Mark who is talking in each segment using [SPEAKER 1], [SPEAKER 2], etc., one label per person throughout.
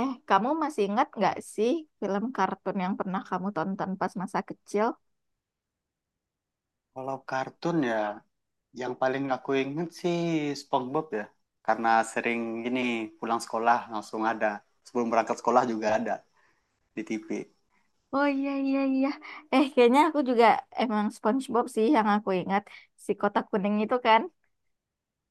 [SPEAKER 1] Eh, kamu masih ingat nggak sih film kartun yang pernah kamu tonton pas masa kecil?
[SPEAKER 2] Kalau kartun ya, yang paling aku inget sih SpongeBob ya. Karena sering gini pulang sekolah langsung ada. Sebelum berangkat sekolah juga ada di TV.
[SPEAKER 1] Oh iya iya iya. Eh, kayaknya aku juga emang SpongeBob sih yang aku ingat, si kotak kuning itu kan.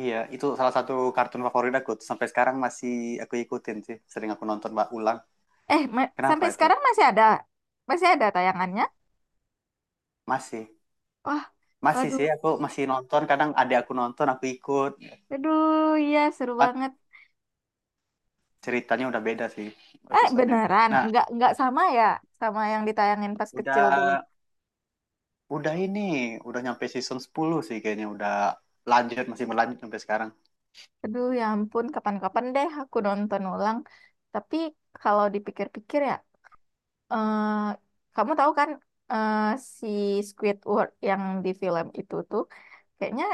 [SPEAKER 2] Iya, itu salah satu kartun favorit aku. Sampai sekarang masih aku ikutin sih. Sering aku nonton mbak ulang.
[SPEAKER 1] Eh,
[SPEAKER 2] Kenapa
[SPEAKER 1] sampai
[SPEAKER 2] itu?
[SPEAKER 1] sekarang masih ada tayangannya.
[SPEAKER 2] Masih.
[SPEAKER 1] Wah,
[SPEAKER 2] Masih
[SPEAKER 1] aduh,
[SPEAKER 2] sih, aku masih nonton. Kadang adik aku nonton, aku ikut.
[SPEAKER 1] aduh, iya seru
[SPEAKER 2] Cuman
[SPEAKER 1] banget.
[SPEAKER 2] ceritanya udah beda sih
[SPEAKER 1] Eh,
[SPEAKER 2] episodenya.
[SPEAKER 1] beneran?
[SPEAKER 2] Nah,
[SPEAKER 1] Nggak sama ya, sama yang ditayangin pas
[SPEAKER 2] udah
[SPEAKER 1] kecil dulu.
[SPEAKER 2] udah ini. Udah nyampe season 10 sih kayaknya. Udah lanjut, masih melanjut sampai sekarang.
[SPEAKER 1] Aduh, ya ampun, kapan-kapan deh aku nonton ulang. Tapi kalau dipikir-pikir ya, eh kamu tahu kan, eh, si Squidward yang di film itu tuh kayaknya,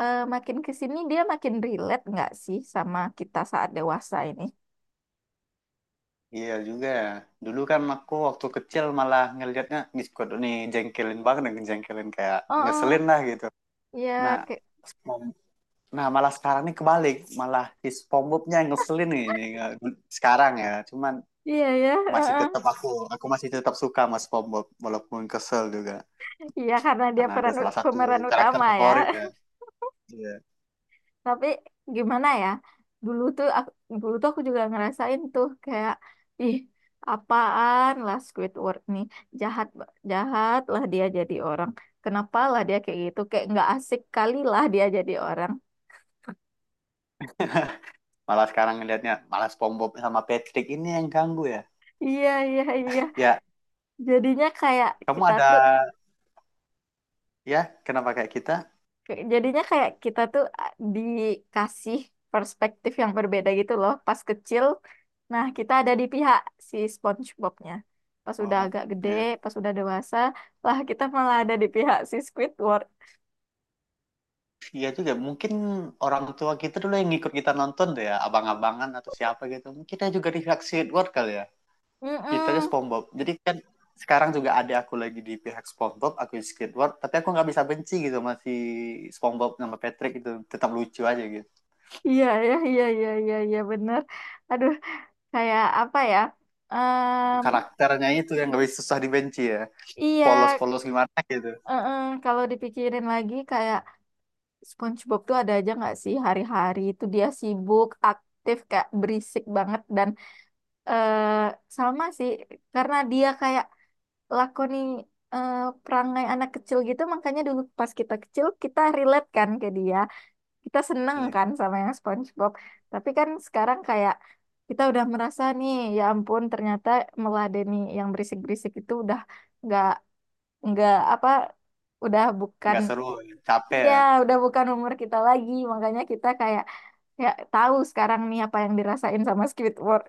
[SPEAKER 1] makin ke sini dia makin relate nggak sih sama kita saat dewasa ini?
[SPEAKER 2] Iya juga ya. Dulu kan aku waktu kecil malah ngelihatnya Discord ini jengkelin banget dengan jengkelin kayak
[SPEAKER 1] Oh,
[SPEAKER 2] ngeselin
[SPEAKER 1] oh,
[SPEAKER 2] lah gitu.
[SPEAKER 1] ya,
[SPEAKER 2] Nah,
[SPEAKER 1] kayak-
[SPEAKER 2] spom- nah malah sekarang nih kebalik, malah si SpongeBobnya yang ngeselin nih sekarang ya. Cuman
[SPEAKER 1] iya ya, eh,
[SPEAKER 2] masih
[SPEAKER 1] eh.
[SPEAKER 2] tetap aku masih tetap suka sama SpongeBob walaupun kesel juga
[SPEAKER 1] Iya, karena dia
[SPEAKER 2] karena ada salah satu
[SPEAKER 1] pemeran
[SPEAKER 2] karakter
[SPEAKER 1] utama ya.
[SPEAKER 2] favorit ya. Iya.
[SPEAKER 1] Tapi gimana ya, dulu tuh aku, dulu tuh aku juga ngerasain tuh kayak, ih, apaan lah Squidward nih, jahat jahat lah dia jadi orang, kenapa lah dia kayak gitu, kayak nggak asik kali lah dia jadi orang.
[SPEAKER 2] Malah sekarang ngelihatnya malah SpongeBob sama Patrick ini yang ganggu ya.
[SPEAKER 1] Iya, iya, iya.
[SPEAKER 2] Ya,
[SPEAKER 1] jadinya kayak
[SPEAKER 2] kamu
[SPEAKER 1] kita
[SPEAKER 2] ada
[SPEAKER 1] tuh
[SPEAKER 2] ya kenapa kayak kita?
[SPEAKER 1] Jadinya kayak kita tuh, ah, dikasih perspektif yang berbeda gitu loh. Pas kecil, nah kita ada di pihak si SpongeBob-nya. Pas udah
[SPEAKER 2] Oh,
[SPEAKER 1] agak gede,
[SPEAKER 2] ya.
[SPEAKER 1] pas udah dewasa, lah kita malah ada di pihak si Squidward.
[SPEAKER 2] Iya juga, mungkin orang tua kita dulu yang ngikut kita nonton tuh ya, abang-abangan atau siapa gitu. Mungkin kita juga di pihak Squidward kali ya. Kita aja
[SPEAKER 1] Mm-mm.
[SPEAKER 2] SpongeBob. Jadi kan sekarang juga ada aku lagi di pihak SpongeBob, aku di Squidward, tapi aku nggak bisa benci gitu, masih SpongeBob sama Patrick itu tetap lucu aja gitu.
[SPEAKER 1] Iya, iya, iya, iya, iya, iya, bener. Aduh, kayak apa ya? Em,
[SPEAKER 2] Karakternya itu yang nggak bisa susah dibenci ya.
[SPEAKER 1] iya,
[SPEAKER 2] Polos-polos gimana gitu.
[SPEAKER 1] kalau dipikirin lagi kayak SpongeBob tuh ada aja nggak sih, hari-hari itu dia sibuk, aktif, kayak berisik banget, dan eh sama sih, karena dia kayak lakoni, eh, perangai anak kecil gitu, makanya dulu pas kita kecil kita relate kan ke dia, kita seneng
[SPEAKER 2] Iya.
[SPEAKER 1] kan sama yang SpongeBob. Tapi kan sekarang kayak kita udah merasa nih, ya ampun, ternyata meladeni yang berisik-berisik itu udah nggak nggak apa, udah bukan.
[SPEAKER 2] Nggak seru, capek
[SPEAKER 1] Iya,
[SPEAKER 2] ya.
[SPEAKER 1] udah bukan umur kita lagi, makanya kita kayak ya tahu sekarang nih apa yang dirasain sama Squidward.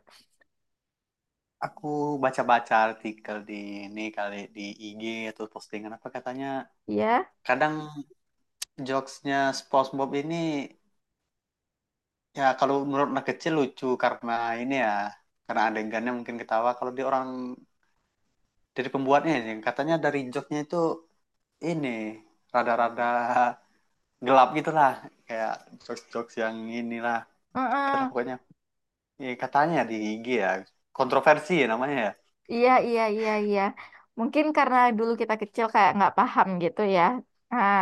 [SPEAKER 2] Aku baca-baca artikel di ini kali di IG atau postingan apa, katanya
[SPEAKER 1] Iya,
[SPEAKER 2] kadang jokesnya SpongeBob ini, ya kalau menurut anak kecil lucu karena ini ya, karena adegannya mungkin ketawa kalau di orang, dari pembuatnya ini katanya dari jokesnya itu ini rada-rada gelap gitulah, kayak jokes-jokes yang inilah itulah
[SPEAKER 1] heeh.
[SPEAKER 2] pokoknya. Ya, katanya di IG ya, kontroversi ya namanya ya.
[SPEAKER 1] Iya, iya, iya, iya. Mungkin karena dulu kita kecil kayak nggak paham gitu ya. Nah,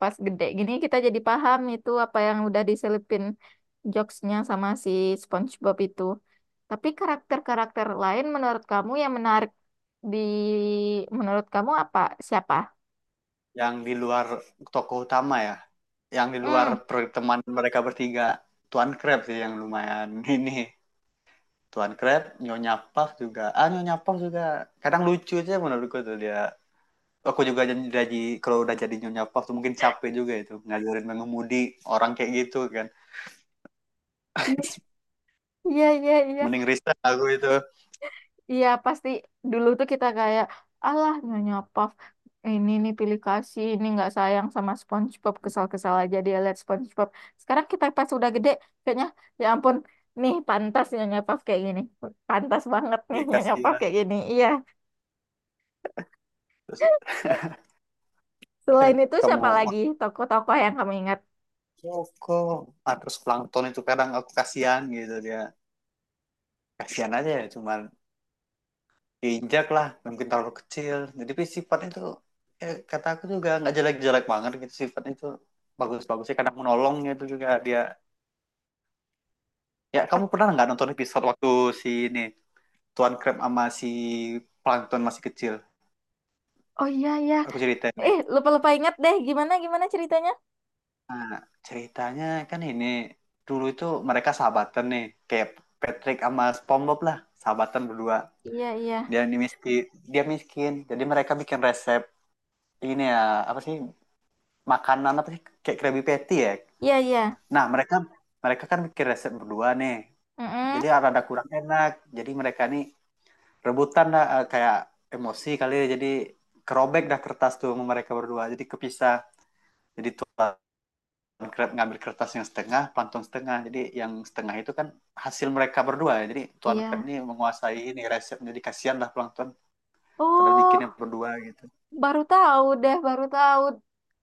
[SPEAKER 1] pas gede gini kita jadi paham itu apa yang udah diselipin jokesnya sama si SpongeBob itu. Tapi karakter-karakter lain menurut kamu yang menarik, di menurut kamu apa? Siapa?
[SPEAKER 2] Yang di luar tokoh utama ya, yang di luar
[SPEAKER 1] Hmm,
[SPEAKER 2] pertemanan mereka bertiga, Tuan Krabs sih yang lumayan ini, Tuan Kret, Nyonya Puff juga. Ah, Nyonya Puff juga. Kadang lucu aja menurutku tuh dia. Aku juga jadi, kalau udah jadi Nyonya Puff tuh mungkin capek juga itu. Ngajarin mengemudi orang kayak gitu kan.
[SPEAKER 1] iya, iya, iya, iya.
[SPEAKER 2] Mending resign aku itu.
[SPEAKER 1] Iya pasti, dulu tuh kita kayak, alah Nyonya Puff ini nih pilih kasih, ini nggak sayang sama SpongeBob, kesal-kesal aja dia lihat SpongeBob. Sekarang kita pas udah gede, kayaknya, ya ampun, nih pantas Nyonya Puff kayak gini, pantas banget nih
[SPEAKER 2] Ya
[SPEAKER 1] Nyonya Puff
[SPEAKER 2] kasihan.
[SPEAKER 1] kayak gini, iya.
[SPEAKER 2] Terus eh,
[SPEAKER 1] Selain itu
[SPEAKER 2] kamu
[SPEAKER 1] siapa lagi
[SPEAKER 2] waktu
[SPEAKER 1] tokoh-tokoh yang kamu ingat?
[SPEAKER 2] kok. Ah, terus Plankton itu kadang aku kasihan gitu dia. Kasihan aja ya, cuman diinjak lah. Mungkin terlalu kecil. Jadi sifatnya itu, kata aku juga nggak jelek-jelek banget gitu sifatnya itu, bagus-bagusnya kadang menolong itu juga dia. Ya, kamu pernah nggak nonton episode waktu si ini Tuan Crab sama si Plankton masih kecil?
[SPEAKER 1] Oh iya iya,
[SPEAKER 2] Aku ceritain nih.
[SPEAKER 1] lupa-lupa ingat deh, gimana gimana ceritanya.
[SPEAKER 2] Nah, ceritanya kan ini dulu itu mereka sahabatan nih, kayak Patrick sama SpongeBob lah, sahabatan berdua.
[SPEAKER 1] Iya, iya,
[SPEAKER 2] Dia ini miskin, dia miskin, jadi mereka bikin resep ini ya, apa sih, makanan apa sih, kayak Krabby Patty ya.
[SPEAKER 1] iya, iya.
[SPEAKER 2] Nah, mereka mereka kan bikin resep berdua nih.
[SPEAKER 1] Mm-mm.
[SPEAKER 2] Jadi rada kurang enak. Jadi mereka nih rebutan dah, kayak emosi kali ya, jadi kerobek dah kertas tuh sama mereka berdua jadi kepisah, jadi Tuan Crab ngambil kertas yang setengah, Plankton setengah, jadi yang setengah itu kan hasil mereka berdua ya. Jadi Tuan
[SPEAKER 1] Iya.
[SPEAKER 2] Crab ini menguasai ini resep, jadi kasihan lah Plankton padahal bikinnya
[SPEAKER 1] Oh.
[SPEAKER 2] berdua gitu.
[SPEAKER 1] Baru tahu deh, baru tahu.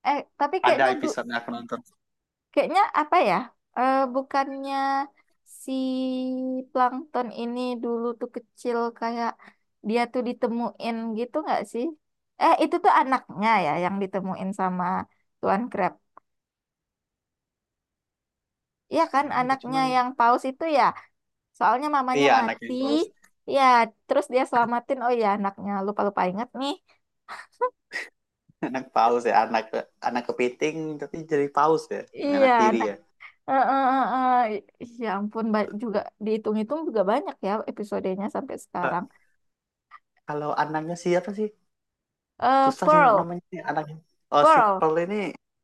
[SPEAKER 1] Eh, tapi
[SPEAKER 2] Ada episode yang aku nonton.
[SPEAKER 1] kayaknya apa ya? Eh, bukannya si plankton ini dulu tuh kecil, kayak dia tuh ditemuin gitu nggak sih? Eh, itu tuh anaknya ya, yang ditemuin sama Tuan Crab. Iya kan,
[SPEAKER 2] Tahu juga
[SPEAKER 1] anaknya
[SPEAKER 2] cuman
[SPEAKER 1] yang paus itu ya. Soalnya mamanya
[SPEAKER 2] iya anak
[SPEAKER 1] mati.
[SPEAKER 2] yang paus.
[SPEAKER 1] Ya, terus dia selamatin. Oh iya, anaknya. Lupa-lupa ingat nih.
[SPEAKER 2] Anak paus ya, anak anak kepiting tapi jadi paus ya,
[SPEAKER 1] Iya,
[SPEAKER 2] anak tiri
[SPEAKER 1] anak.
[SPEAKER 2] ya.
[SPEAKER 1] Eh, eh, eh, eh. Ya ampun, juga dihitung-hitung juga banyak ya episodenya sampai
[SPEAKER 2] Eh,
[SPEAKER 1] sekarang.
[SPEAKER 2] kalau anaknya siapa sih?
[SPEAKER 1] Eh,
[SPEAKER 2] Susah sih
[SPEAKER 1] Pearl,
[SPEAKER 2] namanya nih anaknya. Oh, si
[SPEAKER 1] Pearl.
[SPEAKER 2] ini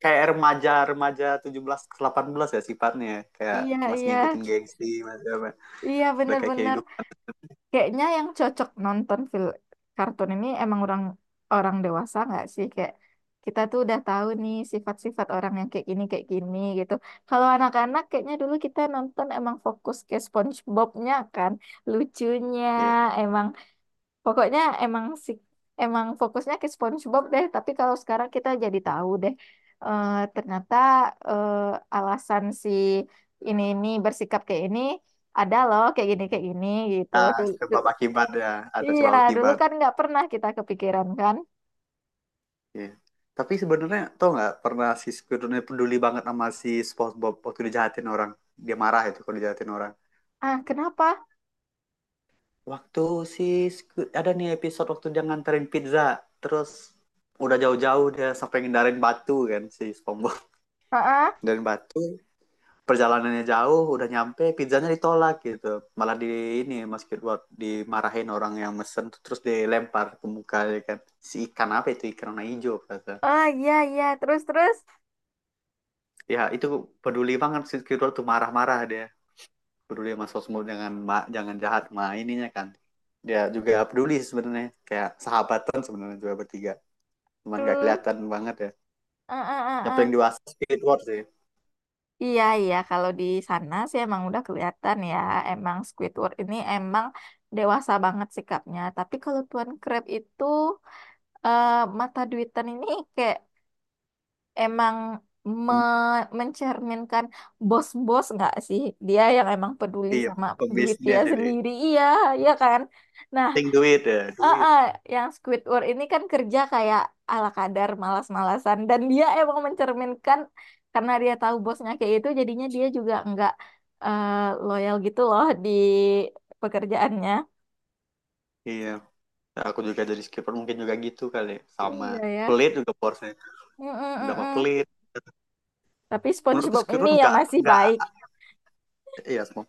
[SPEAKER 2] kayak remaja-remaja 17 ke 18 ya sifatnya. Kayak
[SPEAKER 1] Iya,
[SPEAKER 2] masih
[SPEAKER 1] iya.
[SPEAKER 2] ngikutin gengsi, masih apa.
[SPEAKER 1] Iya,
[SPEAKER 2] Udah kayak
[SPEAKER 1] bener-bener.
[SPEAKER 2] hidup.
[SPEAKER 1] Kayaknya yang cocok nonton film kartun ini emang orang orang dewasa nggak sih? Kayak kita tuh udah tahu nih sifat-sifat orang yang kayak gini gitu. Kalau anak-anak kayaknya dulu kita nonton emang fokus ke SpongeBob-nya kan. Lucunya,
[SPEAKER 2] Iya.
[SPEAKER 1] emang, pokoknya emang si, emang fokusnya ke SpongeBob deh, tapi kalau sekarang kita jadi tahu deh, ternyata, alasan si ini bersikap kayak ini, ada loh, kayak gini gitu.
[SPEAKER 2] Nah, sebab akibat ya. Ada
[SPEAKER 1] Iya,
[SPEAKER 2] sebab
[SPEAKER 1] dulu
[SPEAKER 2] akibat.
[SPEAKER 1] kan nggak pernah kita kepikiran kan.
[SPEAKER 2] Iya. Tapi sebenarnya tau nggak, pernah si Squidward ini peduli banget sama si SpongeBob waktu dijahatin orang. Dia marah itu kalau dijahatin orang.
[SPEAKER 1] Ah, kenapa?
[SPEAKER 2] Waktu si ada nih episode waktu dia nganterin pizza. Terus udah jauh-jauh dia sampai ngindarin batu kan si SpongeBob.
[SPEAKER 1] Ah, ah,
[SPEAKER 2] Ngindarin batu perjalanannya jauh, udah nyampe pizzanya ditolak gitu, malah di ini Mas Kirwat dimarahin orang yang mesen, terus dilempar ke muka ya kan, si ikan apa itu, ikan warna hijau kata.
[SPEAKER 1] ah, iya iya terus terus.
[SPEAKER 2] Ya itu, peduli banget si Kirwat, tuh marah-marah dia, peduli sama sosmed, jangan jahat sama ininya kan. Dia juga peduli sebenarnya, kayak sahabatan sebenarnya juga bertiga, cuman gak
[SPEAKER 1] Tuh.
[SPEAKER 2] kelihatan banget ya.
[SPEAKER 1] Ah, ah,
[SPEAKER 2] Yang
[SPEAKER 1] ah,
[SPEAKER 2] paling
[SPEAKER 1] ah.
[SPEAKER 2] dewasa Squidward sih.
[SPEAKER 1] Iya, iya. Kalau di sana sih emang udah kelihatan ya. Emang Squidward ini emang dewasa banget sikapnya. Tapi kalau Tuan Crab itu, eh, mata duitan ini, kayak, emang mencerminkan bos-bos nggak sih? Dia yang emang peduli
[SPEAKER 2] Iya,
[SPEAKER 1] sama duit dia
[SPEAKER 2] pembisnis ini,
[SPEAKER 1] sendiri. Iya, iya kan? Nah.
[SPEAKER 2] ting duit ya,
[SPEAKER 1] Ah,
[SPEAKER 2] duit
[SPEAKER 1] ah, yang Squidward ini kan kerja kayak ala kadar malas-malasan, dan dia emang mencerminkan, karena dia tahu bosnya kayak itu jadinya dia juga nggak eh, loyal gitu loh di pekerjaannya.
[SPEAKER 2] iya. Nah, aku juga jadi skipper mungkin juga gitu kali ya. Sama
[SPEAKER 1] Iya ya.
[SPEAKER 2] pelit juga porsinya. Udah apa
[SPEAKER 1] Mm-mm-mm.
[SPEAKER 2] pelit.
[SPEAKER 1] Tapi
[SPEAKER 2] Menurutku
[SPEAKER 1] SpongeBob
[SPEAKER 2] skipper
[SPEAKER 1] ini yang
[SPEAKER 2] nggak
[SPEAKER 1] masih
[SPEAKER 2] nggak
[SPEAKER 1] baik.
[SPEAKER 2] iya semua.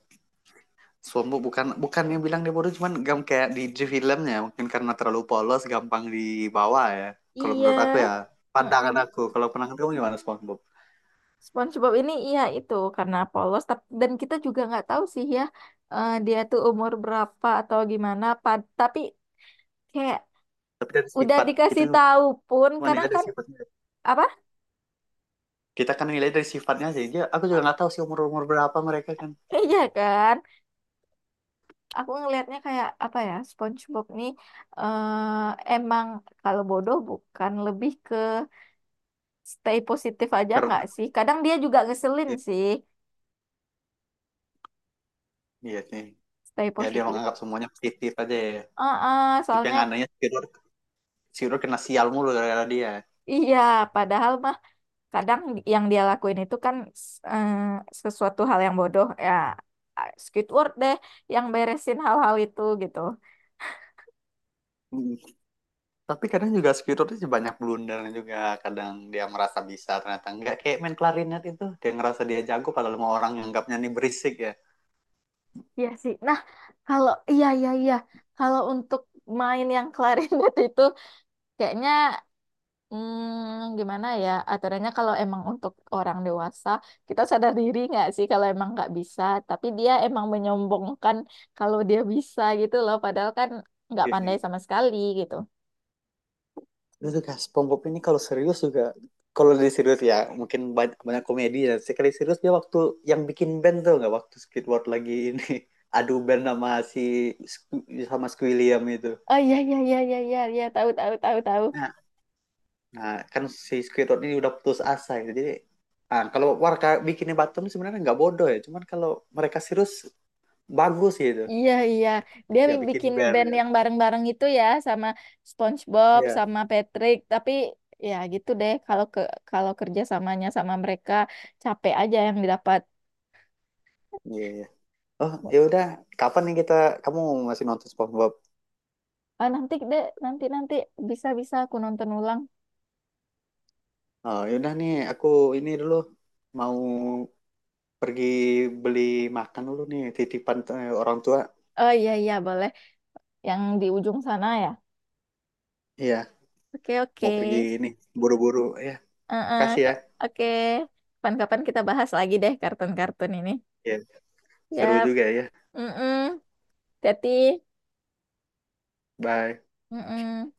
[SPEAKER 2] Suambu bukan bukan yang bilang dia bodoh, cuman gam kayak di filmnya mungkin karena terlalu polos, gampang dibawa ya. Kalau
[SPEAKER 1] Iya.
[SPEAKER 2] menurut aku ya,
[SPEAKER 1] Mm-mm.
[SPEAKER 2] pandangan aku. Kalau pandangan kamu gimana SpongeBob?
[SPEAKER 1] SpongeBob ini, iya, itu karena polos, dan kita juga nggak tahu sih ya, dia tuh umur berapa atau gimana. Tapi kayak
[SPEAKER 2] Tapi dari
[SPEAKER 1] udah
[SPEAKER 2] sifat kita,
[SPEAKER 1] dikasih
[SPEAKER 2] cuma
[SPEAKER 1] tahu pun kadang
[SPEAKER 2] nilai dari
[SPEAKER 1] kan,
[SPEAKER 2] sifatnya.
[SPEAKER 1] apa.
[SPEAKER 2] Kita kan nilai dari sifatnya sih. Dia, aku juga nggak tahu sih umur umur berapa mereka kan.
[SPEAKER 1] Iya kan, aku ngelihatnya kayak apa ya, SpongeBob nih, emang kalau bodoh bukan, lebih ke stay positif aja nggak
[SPEAKER 2] Karena
[SPEAKER 1] sih, kadang dia juga ngeselin
[SPEAKER 2] iya,
[SPEAKER 1] sih,
[SPEAKER 2] iya sih.
[SPEAKER 1] stay
[SPEAKER 2] Ya dia
[SPEAKER 1] positif.
[SPEAKER 2] menganggap semuanya positif aja ya. Tapi yang
[SPEAKER 1] Soalnya
[SPEAKER 2] anehnya Squidward Squidward kena sial mulu gara-gara dia.
[SPEAKER 1] iya, padahal mah kadang yang dia lakuin itu kan, s- eh, sesuatu hal yang bodoh ya, Squidward deh yang beresin hal-hal itu gitu.
[SPEAKER 2] Hmm. Tapi kadang juga Squidward itu banyak blunder juga. Kadang dia merasa bisa, ternyata enggak. Kayak main klarinet itu, dia ngerasa dia jago padahal semua orang nganggapnya nih berisik ya.
[SPEAKER 1] Iya sih. Nah, kalau, iya iya iya, kalau untuk main yang klarinet itu kayaknya, gimana ya aturannya, kalau emang untuk orang dewasa kita sadar diri nggak sih kalau emang nggak bisa, tapi dia emang menyombongkan kalau dia bisa gitu loh, padahal kan nggak pandai
[SPEAKER 2] Itu
[SPEAKER 1] sama sekali gitu.
[SPEAKER 2] juga SpongeBob ini kalau serius juga, kalau di serius ya mungkin banyak komedi ya. Sekali serius dia waktu yang bikin band tuh, nggak, waktu Squidward lagi ini adu band sama sama Squilliam itu.
[SPEAKER 1] Oh iya iya iya iya iya iya tahu tahu tahu tahu.
[SPEAKER 2] Nah, Nah, kan si Squidward ini udah putus asa gitu. Jadi, ah, kalau warga bikinnya Batum sebenarnya nggak bodoh ya. Cuman kalau mereka serius, bagus gitu.
[SPEAKER 1] Iya, iya. Dia
[SPEAKER 2] Ya bikin
[SPEAKER 1] bikin
[SPEAKER 2] band
[SPEAKER 1] band
[SPEAKER 2] ya.
[SPEAKER 1] yang bareng-bareng itu ya sama SpongeBob
[SPEAKER 2] Iya.
[SPEAKER 1] sama Patrick, tapi ya gitu deh, kalau kerja samanya sama mereka capek aja yang didapat.
[SPEAKER 2] Iya, iya. Oh, ya udah. Kapan nih kita, kamu masih nonton SpongeBob?
[SPEAKER 1] Ah, nanti deh, nanti nanti bisa bisa aku nonton ulang.
[SPEAKER 2] Oh, ya udah nih, aku ini dulu mau pergi beli makan dulu nih titipan, orang tua.
[SPEAKER 1] Oh iya iya, boleh, yang di ujung sana ya.
[SPEAKER 2] Iya,
[SPEAKER 1] Oke oke.
[SPEAKER 2] mau pergi ini, buru-buru ya. Kasih ya.
[SPEAKER 1] Oke. Kapan-kapan kita bahas lagi deh kartun-kartun ini.
[SPEAKER 2] Iya, seru
[SPEAKER 1] Yap.
[SPEAKER 2] juga ya.
[SPEAKER 1] Mm-mm. Hati-hati.
[SPEAKER 2] Bye.
[SPEAKER 1] Mm-mm.